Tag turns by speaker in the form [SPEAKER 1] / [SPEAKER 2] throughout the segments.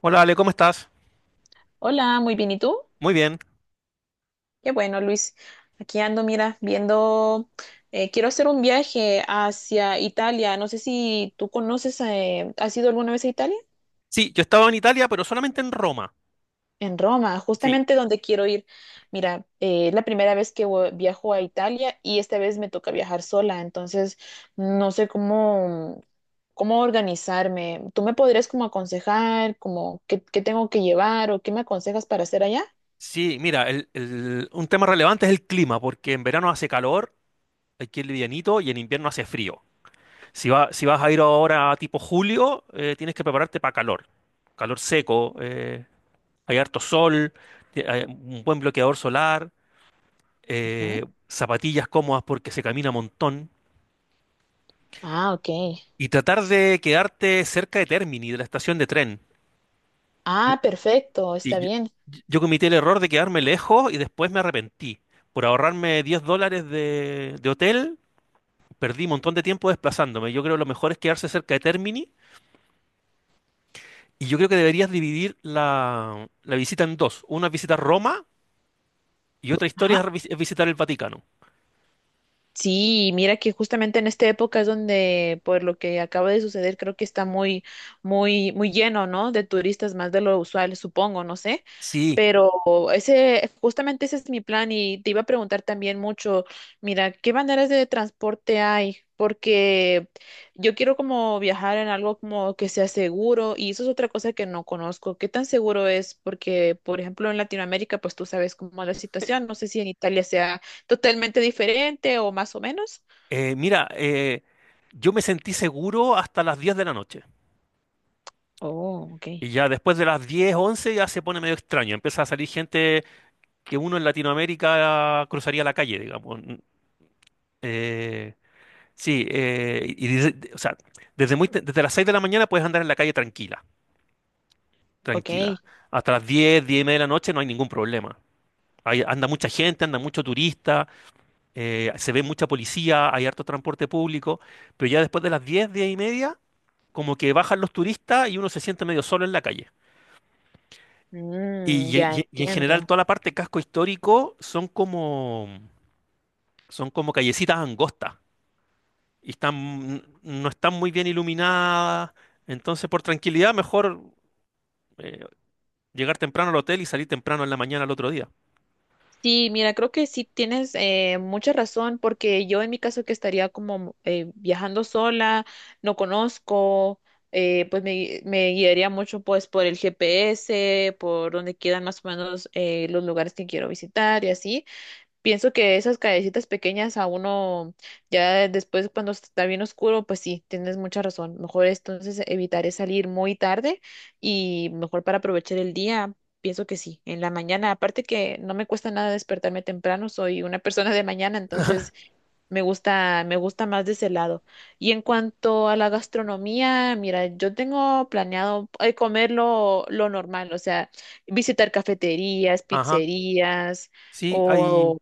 [SPEAKER 1] Hola Ale, ¿cómo estás?
[SPEAKER 2] Hola, muy bien. ¿Y tú?
[SPEAKER 1] Muy bien.
[SPEAKER 2] Qué bueno, Luis. Aquí ando, mira, viendo, quiero hacer un viaje hacia Italia. No sé si tú conoces, ¿has ido alguna vez a Italia?
[SPEAKER 1] Sí, yo estaba en Italia, pero solamente en Roma.
[SPEAKER 2] En Roma,
[SPEAKER 1] Sí,
[SPEAKER 2] justamente donde quiero ir. Mira, es la primera vez que viajo a Italia y esta vez me toca viajar sola, entonces no sé cómo, cómo organizarme. ¿Tú me podrías como aconsejar, como qué tengo que llevar o qué me aconsejas para hacer allá?
[SPEAKER 1] sí, mira, un tema relevante es el clima, porque en verano hace calor, aquí es livianito, y en invierno hace frío. Si, si vas a ir ahora tipo julio, tienes que prepararte para calor. Calor seco, hay harto sol, hay un buen bloqueador solar,
[SPEAKER 2] Ujú.
[SPEAKER 1] zapatillas cómodas porque se camina un montón,
[SPEAKER 2] Ah, ok.
[SPEAKER 1] y tratar de quedarte cerca de Termini, de la estación de tren.
[SPEAKER 2] Ah, perfecto,
[SPEAKER 1] Sí,
[SPEAKER 2] está bien.
[SPEAKER 1] yo cometí el error de quedarme lejos y después me arrepentí. Por ahorrarme 10 dólares de hotel, perdí un montón de tiempo desplazándome. Yo creo que lo mejor es quedarse cerca de Termini y yo creo que deberías dividir la visita en dos. Una visita a Roma y otra
[SPEAKER 2] Ajá.
[SPEAKER 1] historia es es visitar el Vaticano.
[SPEAKER 2] Sí, mira que justamente en esta época es donde, por lo que acaba de suceder, creo que está muy, muy lleno, ¿no? De turistas, más de lo usual, supongo, no sé.
[SPEAKER 1] Sí,
[SPEAKER 2] Pero justamente ese es mi plan y te iba a preguntar también mucho, mira, ¿qué maneras de transporte hay? Porque yo quiero como viajar en algo como que sea seguro y eso es otra cosa que no conozco. ¿Qué tan seguro es? Porque, por ejemplo, en Latinoamérica, pues tú sabes cómo es la situación. No sé si en Italia sea totalmente diferente o más o menos.
[SPEAKER 1] mira, yo me sentí seguro hasta las 10 de la noche.
[SPEAKER 2] Oh, ok,
[SPEAKER 1] Y ya después de las 10 11 ya se pone medio extraño. Empieza a salir gente que uno en Latinoamérica cruzaría la calle, digamos. Eh, Sí, y desde, o sea, desde las 6 de la mañana puedes andar en la calle tranquila, tranquila.
[SPEAKER 2] ok.
[SPEAKER 1] Hasta las 10, 10 y media de la noche no hay ningún problema. Anda mucha gente, anda mucho turista, se ve mucha policía, hay harto transporte público, pero ya después de las 10, 10 y media, como que bajan los turistas y uno se siente medio solo en la calle.
[SPEAKER 2] Mm, ya
[SPEAKER 1] Y en general
[SPEAKER 2] entiendo.
[SPEAKER 1] toda la parte casco histórico son como callecitas angostas. Y están, no están muy bien iluminadas. Entonces, por tranquilidad, mejor eh, llegar temprano al hotel y salir temprano en la mañana al otro día.
[SPEAKER 2] Sí, mira, creo que sí tienes mucha razón, porque yo en mi caso, que estaría como viajando sola, no conozco, pues me guiaría mucho pues por el GPS, por donde quedan más o menos los lugares que quiero visitar y así. Pienso que esas callecitas pequeñas a uno, ya después cuando está bien oscuro, pues sí, tienes mucha razón. Mejor es, entonces evitaré salir muy tarde y mejor para aprovechar el día, pienso que sí, en la mañana. Aparte que no me cuesta nada despertarme temprano, soy una persona de mañana, entonces me gusta más de ese lado. Y en cuanto a la gastronomía, mira, yo tengo planeado comer lo normal, o sea, visitar cafeterías,
[SPEAKER 1] Ajá.
[SPEAKER 2] pizzerías
[SPEAKER 1] Sí,
[SPEAKER 2] o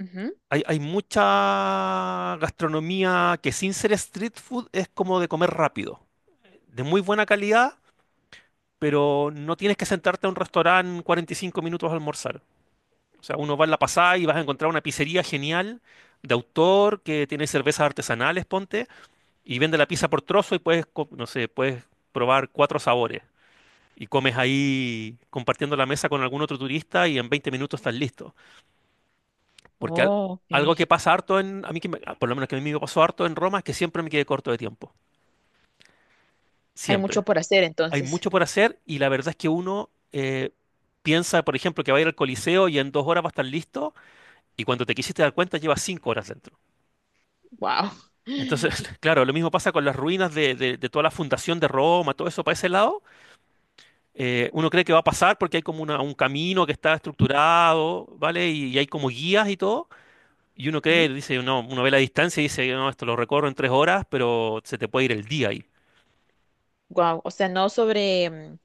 [SPEAKER 2] Ujú.
[SPEAKER 1] hay mucha gastronomía que sin ser street food es como de comer rápido, de muy buena calidad, pero no tienes que sentarte a un restaurante 45 minutos a almorzar. O sea, uno va en la pasada y vas a encontrar una pizzería genial de autor que tiene cervezas artesanales, ponte y vende la pizza por trozo y puedes, no sé, puedes probar cuatro sabores. Y comes ahí compartiendo la mesa con algún otro turista y en 20 minutos estás listo. Porque al-
[SPEAKER 2] Oh,
[SPEAKER 1] Algo que
[SPEAKER 2] ok.
[SPEAKER 1] pasa harto en, a mí que me- ah, por lo menos que a mí me pasó harto en Roma es que siempre me quedé corto de tiempo.
[SPEAKER 2] Hay
[SPEAKER 1] Siempre.
[SPEAKER 2] mucho por hacer,
[SPEAKER 1] Hay
[SPEAKER 2] entonces.
[SPEAKER 1] mucho por hacer y la verdad es que uno piensa, por ejemplo, que va a ir al Coliseo y en dos horas va a estar listo y cuando te quisiste dar cuenta llevas cinco horas dentro.
[SPEAKER 2] Wow.
[SPEAKER 1] Entonces, claro, lo mismo pasa con las ruinas de toda la fundación de Roma, todo eso para ese lado uno cree que va a pasar porque hay como un camino que está estructurado, ¿vale? Y hay como guías y todo. Y uno cree, dice, no, uno ve la distancia y dice, no, esto lo recorro en tres horas, pero se te puede ir el día ahí.
[SPEAKER 2] Wow. O sea, no sobre, mm,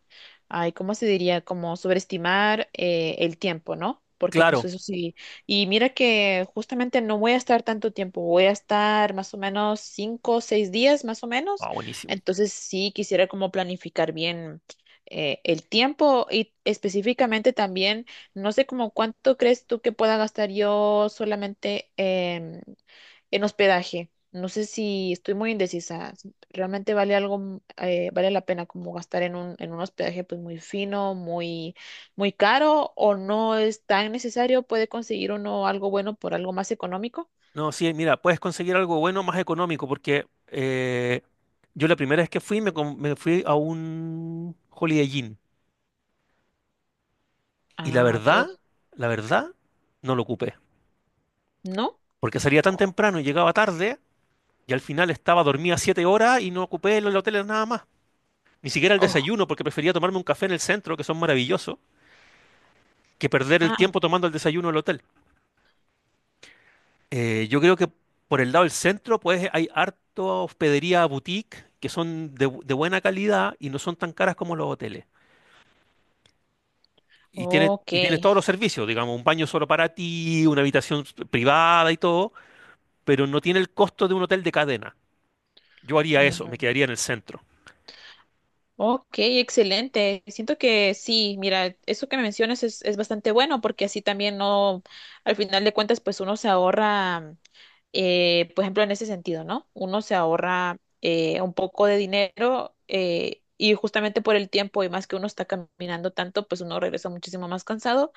[SPEAKER 2] ay, ¿cómo se diría? Como sobreestimar el tiempo, ¿no? Porque pues
[SPEAKER 1] Claro.
[SPEAKER 2] eso sí. Y mira que justamente no voy a estar tanto tiempo, voy a estar más o menos cinco o seis días, más o menos.
[SPEAKER 1] Ah, buenísimo.
[SPEAKER 2] Entonces sí quisiera como planificar bien el tiempo y específicamente también, no sé como cuánto crees tú que pueda gastar yo solamente en hospedaje. No sé, si estoy muy indecisa, si realmente vale algo, mm, vale la pena como gastar en en un hospedaje pues muy fino, muy caro, o no es tan necesario, puede conseguir uno algo bueno por algo más económico.
[SPEAKER 1] No, sí, mira, puedes conseguir algo bueno más económico porque yo la primera vez que fui me fui a un Holiday Inn y
[SPEAKER 2] Ah, ok.
[SPEAKER 1] la verdad, no lo ocupé.
[SPEAKER 2] ¿No?
[SPEAKER 1] Porque salía tan temprano y llegaba tarde y al final estaba dormía siete horas y no ocupé el hotel nada más. Ni siquiera el
[SPEAKER 2] Oh,
[SPEAKER 1] desayuno, porque prefería tomarme un café en el centro, que son maravillosos, que perder el
[SPEAKER 2] ah,
[SPEAKER 1] tiempo tomando el desayuno en el hotel. Yo creo que por el lado del centro, pues hay harto hospedería boutique, que son de buena calidad y no son tan caras como los hoteles.
[SPEAKER 2] ok.
[SPEAKER 1] Y tienes todos los servicios, digamos, un baño solo para ti, una habitación privada y todo, pero no tiene el costo de un hotel de cadena. Yo haría eso, me quedaría en el centro.
[SPEAKER 2] Ok, excelente. Siento que sí, mira, eso que me mencionas es bastante bueno porque así también no, al final de cuentas, pues uno se ahorra, por ejemplo, en ese sentido, ¿no? Uno se ahorra un poco de dinero y justamente por el tiempo y más que uno está caminando tanto, pues uno regresa muchísimo más cansado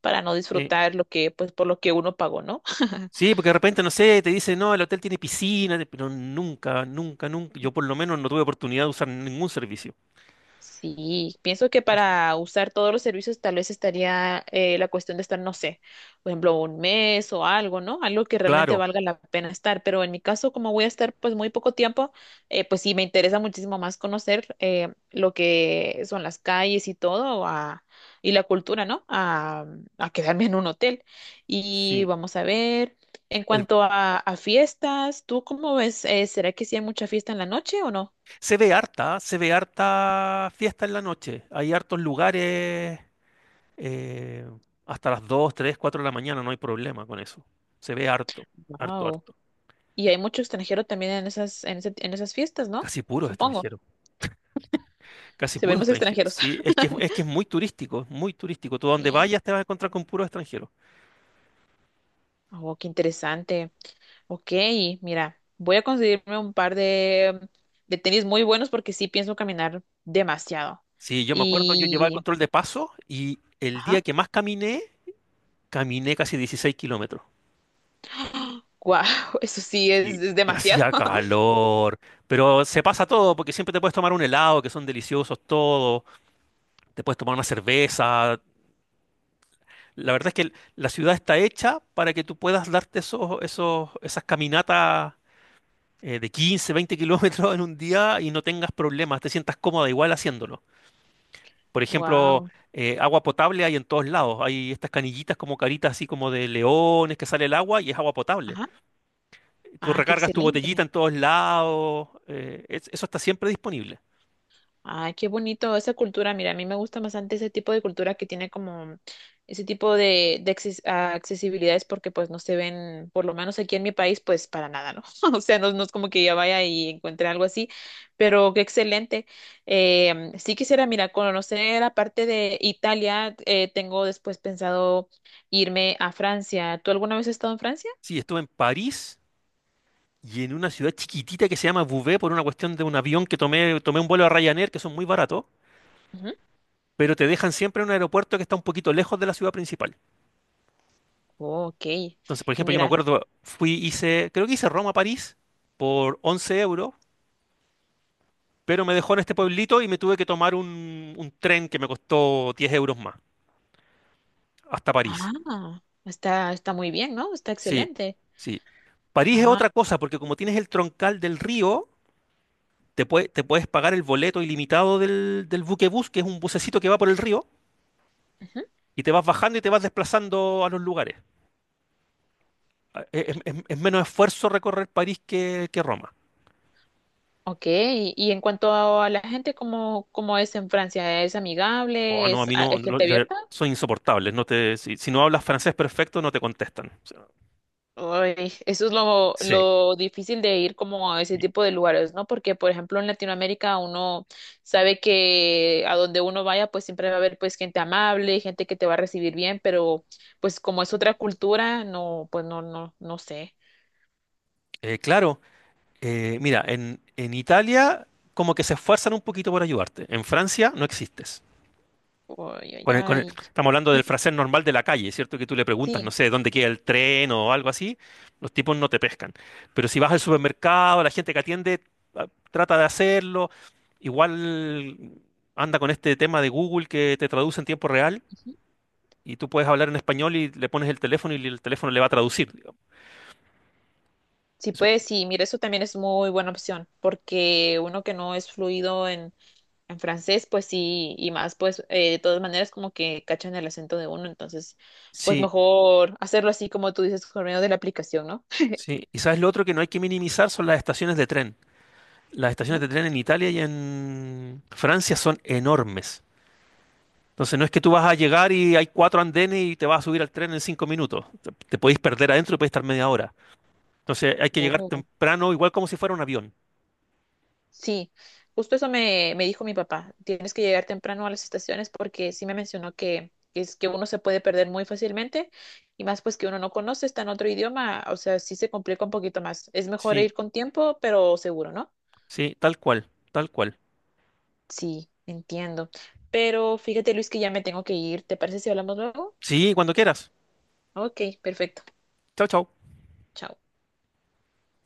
[SPEAKER 2] para no
[SPEAKER 1] Sí.
[SPEAKER 2] disfrutar lo que, pues por lo que uno pagó, ¿no?
[SPEAKER 1] Sí, porque de repente, no sé, te dicen, no, el hotel tiene piscina, pero nunca, nunca, nunca, yo por lo menos no tuve oportunidad de usar ningún servicio.
[SPEAKER 2] Sí, pienso que para usar todos los servicios tal vez estaría la cuestión de estar, no sé, por ejemplo, un mes o algo, ¿no? Algo que realmente
[SPEAKER 1] Claro,
[SPEAKER 2] valga la pena estar. Pero en mi caso, como voy a estar pues muy poco tiempo, pues sí, me interesa muchísimo más conocer lo que son las calles y todo y la cultura, ¿no? A quedarme en un hotel. Y
[SPEAKER 1] sí.
[SPEAKER 2] vamos a ver, en
[SPEAKER 1] El-
[SPEAKER 2] cuanto a fiestas, ¿tú cómo ves? ¿Será que sí hay mucha fiesta en la noche o no?
[SPEAKER 1] Se ve harta, se ve harta fiesta en la noche. Hay hartos lugares eh, hasta las 2 3 4 de la mañana, no hay problema con eso. Se ve harto, harto,
[SPEAKER 2] Wow.
[SPEAKER 1] harto.
[SPEAKER 2] Y hay mucho extranjero también en esas, en en esas fiestas, ¿no?
[SPEAKER 1] Casi puro
[SPEAKER 2] Supongo.
[SPEAKER 1] extranjero, casi
[SPEAKER 2] Se
[SPEAKER 1] puro
[SPEAKER 2] ven más
[SPEAKER 1] extranjero.
[SPEAKER 2] extranjeros.
[SPEAKER 1] Sí, es que es muy turístico, es muy turístico. Tú a donde
[SPEAKER 2] Sí.
[SPEAKER 1] vayas te vas a encontrar con puro extranjero.
[SPEAKER 2] Oh, qué interesante. Ok, mira, voy a conseguirme un par de tenis muy buenos porque sí pienso caminar demasiado.
[SPEAKER 1] Sí, yo me acuerdo, yo llevaba el
[SPEAKER 2] Y,
[SPEAKER 1] control de paso y el día
[SPEAKER 2] ajá,
[SPEAKER 1] que más caminé, caminé casi 16 kilómetros.
[SPEAKER 2] wow, eso sí
[SPEAKER 1] Sí.
[SPEAKER 2] es
[SPEAKER 1] Y
[SPEAKER 2] demasiado.
[SPEAKER 1] hacía calor, pero se pasa todo, porque siempre te puedes tomar un helado, que son deliciosos todos, te puedes tomar una cerveza. La verdad es que la ciudad está hecha para que tú puedas darte esas caminatas de 15, 20 kilómetros en un día y no tengas problemas, te sientas cómoda igual haciéndolo. Por ejemplo,
[SPEAKER 2] Wow.
[SPEAKER 1] agua potable hay en todos lados. Hay estas canillitas como caritas así como de leones que sale el agua y es agua potable.
[SPEAKER 2] Ajá.
[SPEAKER 1] Tú
[SPEAKER 2] Ah, qué
[SPEAKER 1] recargas tu
[SPEAKER 2] excelente.
[SPEAKER 1] botellita en todos lados. Eso está siempre disponible.
[SPEAKER 2] Ay, qué bonito esa cultura. Mira, a mí me gusta bastante ese tipo de cultura que tiene como ese tipo de ah, accesibilidades porque pues no se ven, por lo menos aquí en mi país, pues para nada, ¿no? O sea, no es como que ya vaya y encuentre algo así, pero qué excelente. Sí quisiera, mira, conocer la parte de Italia. Eh, tengo después pensado irme a Francia. ¿Tú alguna vez has estado en Francia?
[SPEAKER 1] Sí, estuve en París y en una ciudad chiquitita que se llama Beauvais por una cuestión de un avión que tomé, tomé un vuelo a Ryanair que son muy baratos,
[SPEAKER 2] Ujú.
[SPEAKER 1] pero te dejan siempre en un aeropuerto que está un poquito lejos de la ciudad principal.
[SPEAKER 2] Oh, ok.
[SPEAKER 1] Entonces, por
[SPEAKER 2] Y
[SPEAKER 1] ejemplo, yo me
[SPEAKER 2] mira,
[SPEAKER 1] acuerdo, fui, hice, creo que hice Roma-París a París por 11 euros. Pero me dejó en este pueblito y me tuve que tomar un tren que me costó 10 euros más, hasta París.
[SPEAKER 2] ah, está muy bien, ¿no? Está
[SPEAKER 1] Sí,
[SPEAKER 2] excelente.
[SPEAKER 1] sí. París es
[SPEAKER 2] Ah.
[SPEAKER 1] otra cosa, porque como tienes el troncal del río, te puedes pagar el boleto ilimitado del buquebús, que es un bucecito que va por el río, y te vas bajando y te vas desplazando a los lugares. Ah, es menos esfuerzo recorrer París que Roma.
[SPEAKER 2] Ok, y en cuanto a la gente, ¿cómo, cómo es en Francia? ¿Es
[SPEAKER 1] Oh,
[SPEAKER 2] amigable?
[SPEAKER 1] no, a
[SPEAKER 2] ¿Es,
[SPEAKER 1] mí no,
[SPEAKER 2] es
[SPEAKER 1] no,
[SPEAKER 2] gente abierta?
[SPEAKER 1] son insoportables. Si, si no hablas francés perfecto, no te contestan. O sea,
[SPEAKER 2] Ay, eso es
[SPEAKER 1] sí.
[SPEAKER 2] lo difícil de ir como a ese tipo de lugares, ¿no? Porque, por ejemplo, en Latinoamérica uno sabe que a donde uno vaya, pues siempre va a haber pues gente amable, gente que te va a recibir bien, pero pues como es otra cultura, no, pues no sé.
[SPEAKER 1] eh, claro, Mira, en Italia como que se esfuerzan un poquito por ayudarte. En Francia no existes.
[SPEAKER 2] Ay, ay, ay.
[SPEAKER 1] Estamos hablando del
[SPEAKER 2] Ujú.
[SPEAKER 1] francés normal de la calle, ¿cierto? Que tú le preguntas, no
[SPEAKER 2] Sí.
[SPEAKER 1] sé, dónde queda el tren o algo así, los tipos no te pescan. Pero si vas al supermercado, la gente que atiende trata de hacerlo. Igual anda con este tema de Google que te traduce en tiempo real
[SPEAKER 2] Ujú.
[SPEAKER 1] y tú puedes hablar en español y le pones el teléfono y el teléfono le va a traducir, digamos.
[SPEAKER 2] Sí,
[SPEAKER 1] Eso-
[SPEAKER 2] pues sí, mira, eso también es muy buena opción, porque uno que no es fluido en francés, pues sí, y más, pues de todas maneras como que cachan el acento de uno, entonces, pues
[SPEAKER 1] sí,
[SPEAKER 2] mejor hacerlo así como tú dices, por medio de la aplicación, ¿no?
[SPEAKER 1] sí. Y sabes lo otro que no hay que minimizar son las estaciones de tren. Las estaciones
[SPEAKER 2] Ujú.
[SPEAKER 1] de tren en Italia y en Francia son enormes. Entonces no es que tú vas a llegar y hay cuatro andenes y te vas a subir al tren en cinco minutos. Te podéis perder adentro y podéis estar media hora. Entonces hay que llegar
[SPEAKER 2] Oh.
[SPEAKER 1] temprano, igual como si fuera un avión.
[SPEAKER 2] Sí, justo eso me dijo mi papá, tienes que llegar temprano a las estaciones porque sí me mencionó que es que uno se puede perder muy fácilmente y más pues que uno no conoce, está en otro idioma, o sea, sí se complica un poquito más. Es mejor
[SPEAKER 1] Sí,
[SPEAKER 2] ir con tiempo, pero seguro, ¿no?
[SPEAKER 1] sí, tal cual, tal cual.
[SPEAKER 2] Sí, entiendo. Pero fíjate, Luis, que ya me tengo que ir. ¿Te parece si hablamos luego?
[SPEAKER 1] Sí, cuando quieras.
[SPEAKER 2] Ok, perfecto.
[SPEAKER 1] Chao, chao.
[SPEAKER 2] Chao.